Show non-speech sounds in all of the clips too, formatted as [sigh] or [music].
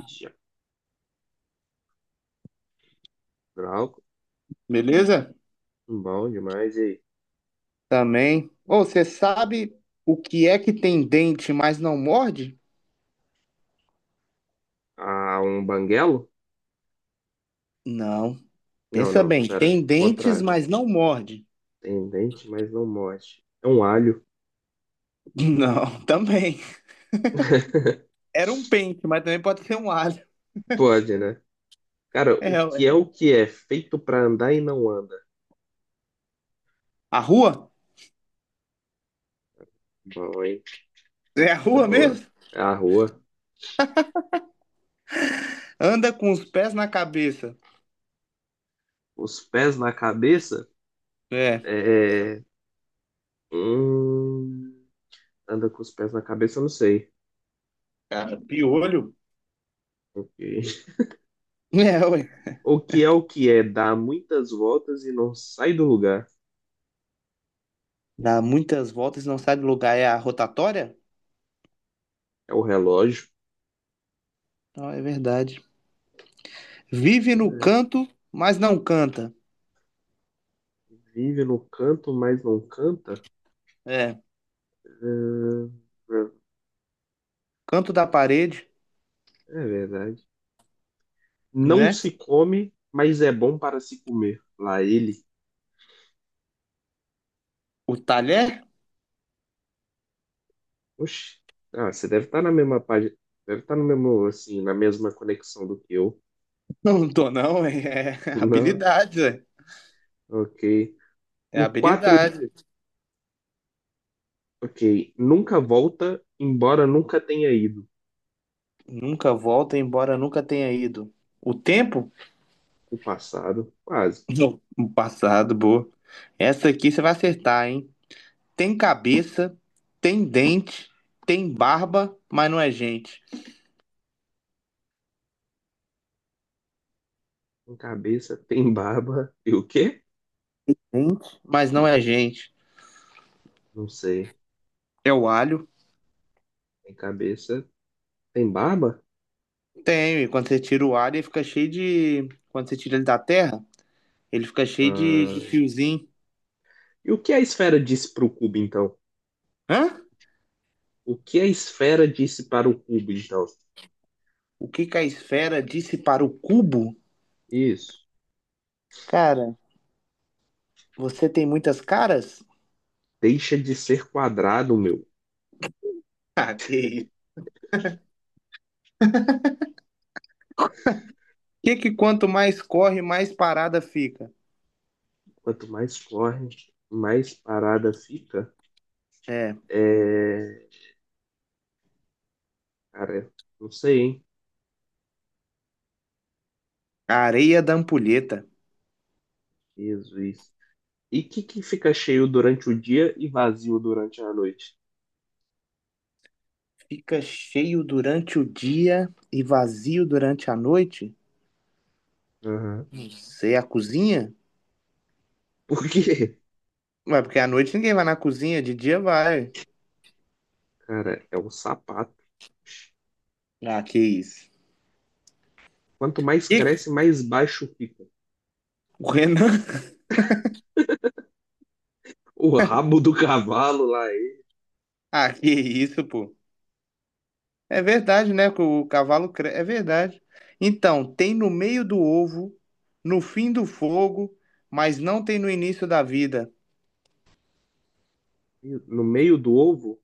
Ixi, Branco, Beleza? bom demais. E aí? Também. Ô, você sabe o que é que tem dente, mas não morde? Ah, um banguelo? Não. Não, Pensa não, bem, pera. tem dentes, Contrário. mas não morde. Tem dente, mas não morde. É um alho. [laughs] Não, também. Era um pente, mas também pode ser um alho. Pode, né? Cara, É, o que ué. é o que é? Feito pra andar e não anda. A rua? Bom, hein? É a É rua boa. mesmo? É a rua. Anda com os pés na cabeça. Os pés na cabeça? É. É. É. Hum... Anda com os pés na cabeça, eu não sei. Cara, piolho. Ok. É, ué. O que é o que é? Dá muitas voltas e não sai do lugar. Dá muitas voltas e não sai do lugar. É a rotatória? É o relógio. Não, é verdade. Vive no canto, mas não canta. Vive no canto, mas não canta? É. Ah, é Canto da parede, é verdade. Não né? se come, mas é bom para se comer. Lá ele. O talher? Oxi. Ah, você deve estar na mesma página. Deve estar no mesmo, assim, na mesma conexão do que eu. [laughs] Não tô, não. É [laughs] Não, habilidade, velho. ok. É O 4. habilidade. Ok. Nunca volta, embora nunca tenha ido. Nunca volta, embora nunca tenha ido. O tempo? O passado, quase. Não. O passado, boa. Essa aqui você vai acertar, hein? Tem cabeça, tem dente, tem barba, mas não é gente. Tem cabeça, tem barba. E o quê? Gente? Mas não é gente. Não sei. É o alho? Tem cabeça, tem barba? Tem. E quando você tira o alho, ele fica cheio de. Quando você tira ele da terra, ele fica cheio de Ah, fiozinho. e o que a esfera disse para o cubo, então? Hã? O que a esfera disse para o cubo, então? O que que a esfera disse para o cubo? Isso. Cara, você tem muitas caras? Deixa de ser quadrado, meu. Ah, que isso. Que quanto mais corre, mais parada fica? Quanto mais corre, mais parada fica. É, É... Cara, não sei, hein? a areia da ampulheta. Jesus. E o que, que fica cheio durante o dia e vazio durante a noite? Fica cheio durante o dia e vazio durante a noite? Aham. Você é a cozinha? Por quê? Ué, porque à noite ninguém vai na cozinha, de dia vai. Cara, é um sapato. Ah, que isso. Quanto mais Que cresce, mais baixo fica. o Renan? [laughs] O rabo do cavalo lá, ele, Ah, que isso, pô. É verdade, né? Que o cavalo cre... É verdade. Então, tem no meio do ovo, no fim do fogo, mas não tem no início da vida. no meio do ovo,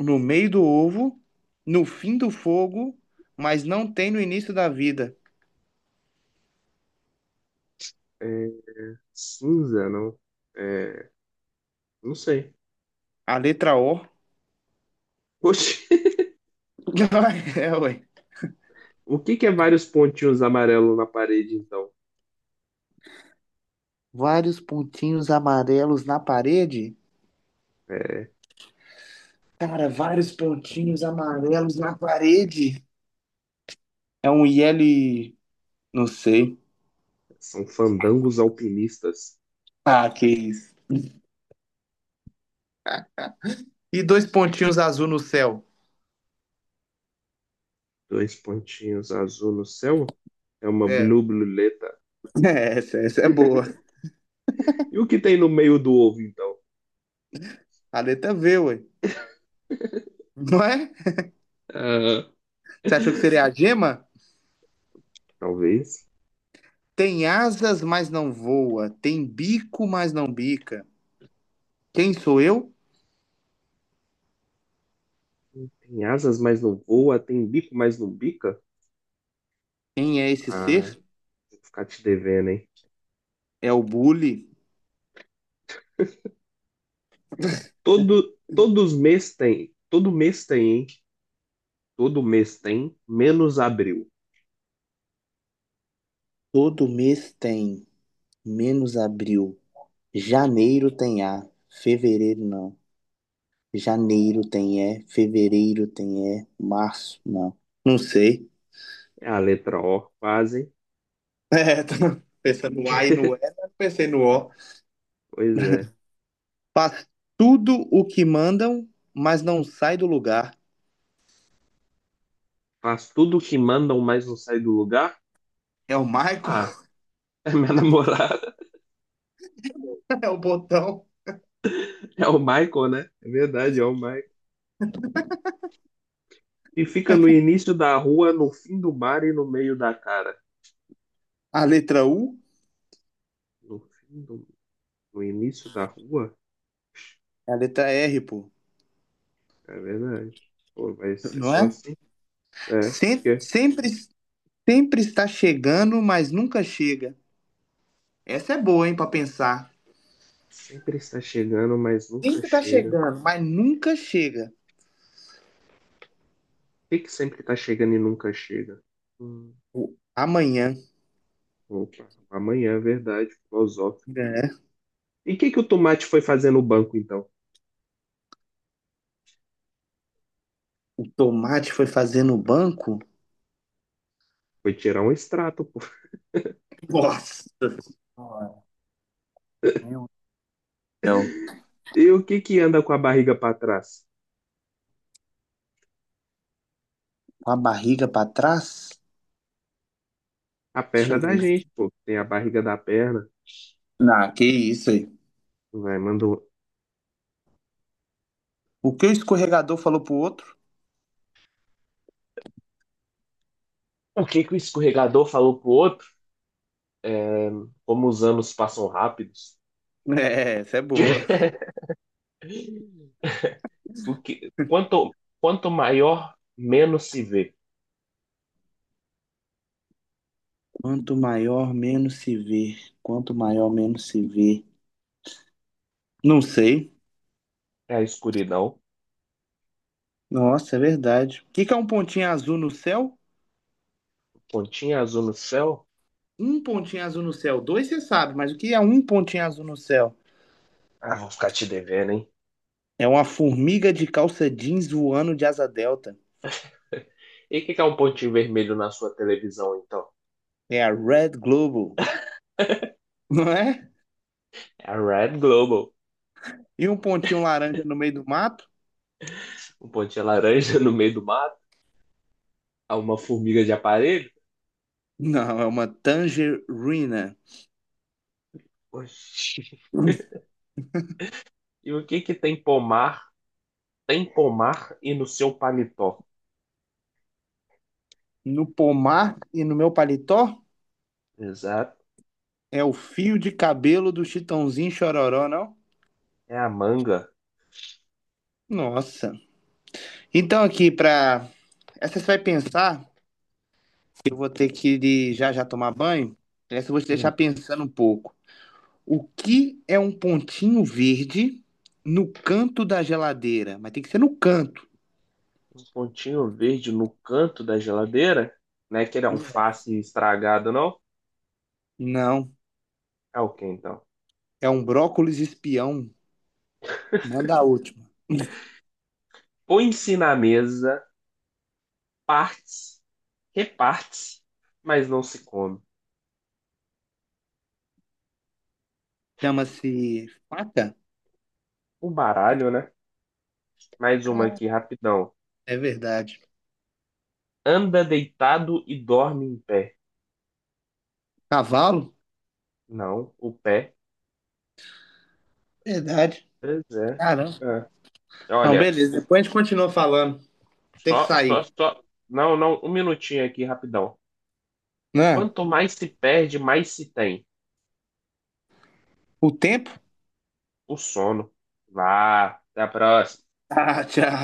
No meio do ovo, no fim do fogo, mas não tem no início da vida. é, cinza, não? É, não sei. A letra O. Oxi, [laughs] [laughs] É, ué. o que que é vários pontinhos amarelos na parede, então? Vários pontinhos amarelos na parede? É, Cara, vários pontinhos amarelos na parede. É um IL. Não sei. são fandangos alpinistas. Ah, que isso. E dois pontinhos azul no céu. Dois pontinhos azul no céu? É uma É. blue [laughs] bluleta. É, essa é boa. E o que tem no meio do ovo, então? A letra V, ué. Não é? Ah, Você achou que seria a gema? talvez. Tem asas, mas não voa. Tem bico, mas não bica. Quem sou eu? Tem asas, mas não voa. Tem bico, mas não bica. Quem é esse Ah, ser? vou ficar te devendo, hein? É o bully. Todos mês tem. Todo mês tem, hein? Todo mês tem, menos abril. Todo mês tem, menos abril. Janeiro tem A, fevereiro não. Janeiro tem E, fevereiro tem E, março não. Não sei. [laughs] É a letra O, quase. É, tô pensando no A e no E, [laughs] mas pensei no O. Pois é. Faz tudo o que mandam, mas não sai do lugar. Faz tudo o que mandam, mas não sai do lugar? É o Michael? Ah, é minha [laughs] namorada. [laughs] É o botão? É o Michael, né? É verdade, é o Michael. E fica no início da rua, no fim do mar e no meio da cara. A letra U? No fim do... No início da rua? É a letra R, pô. É verdade. Pô, vai ser Não só é? assim? É, Sempre, porque sempre Sempre está chegando, mas nunca chega. Essa é boa, hein, para pensar. sempre está chegando, mas nunca Sempre está chega. chegando, mas nunca chega. Por que que sempre está chegando e nunca chega? Hum, O amanhã, opa, amanhã é verdade, filosófico. né? E o que que o tomate foi fazer no banco, então? O tomate foi fazer no banco. Foi tirar um extrato, pô. Nossa senhora, meu Deus. E o que que anda com a barriga pra trás? Com a barriga para trás. A Deixa perna eu da ver. gente, pô. Tem a barriga da perna. Não, que isso aí. Vai, mandou. O que o escorregador falou pro outro? O que que o escorregador falou pro outro? É, como os anos passam rápidos. É, essa é boa. [laughs] Quanto maior, menos se vê. Quanto maior, menos se vê. Quanto maior, menos se vê. Não sei. É a escuridão. Nossa, é verdade. O que que é um pontinho azul no céu? Pontinha azul no céu. Um pontinho azul no céu. Dois você sabe, mas o que é um pontinho azul no céu? Ah, vou ficar te devendo, hein? É uma formiga de calça jeans voando de asa delta. [laughs] E o que que é um pontinho vermelho na sua televisão, então? É a Red Global, [laughs] não é? É a Red Global. E um pontinho laranja no meio do mato? Um pontinho laranja no meio do mato. É uma formiga de aparelho. Não, é uma tangerina. Oxi. E o que que tem pomar? Tem pomar e no seu paletó. No pomar e no meu paletó? Exato. É o fio de cabelo do Chitãozinho Chororó, não? É a manga. Nossa. Então aqui, pra... Essa você vai pensar, eu vou ter que ir já já tomar banho. Essa eu vou te Hum. deixar pensando um pouco. O que é um pontinho verde no canto da geladeira? Mas tem que ser no canto. Um pontinho verde no canto da geladeira. Não é aquele É. alface estragado, não? Não, É o que então? é um brócolis espião. Manda a última. Põe-se na mesa, partes, reparte mas não se come. Chama-se faca? O baralho, né? Mais uma Cara, aqui, rapidão. é verdade. Anda deitado e dorme em pé. Cavalo? Não, o pé. Verdade. Pois é. Caramba. É. Não, Olha, beleza. o Depois a gente continua falando. Tem que só, só, sair. só. Não, não, um minutinho aqui, rapidão. Né? Quanto mais se perde, mais se tem. O tempo? O sono. Vá, até a próxima. Ah, tchau.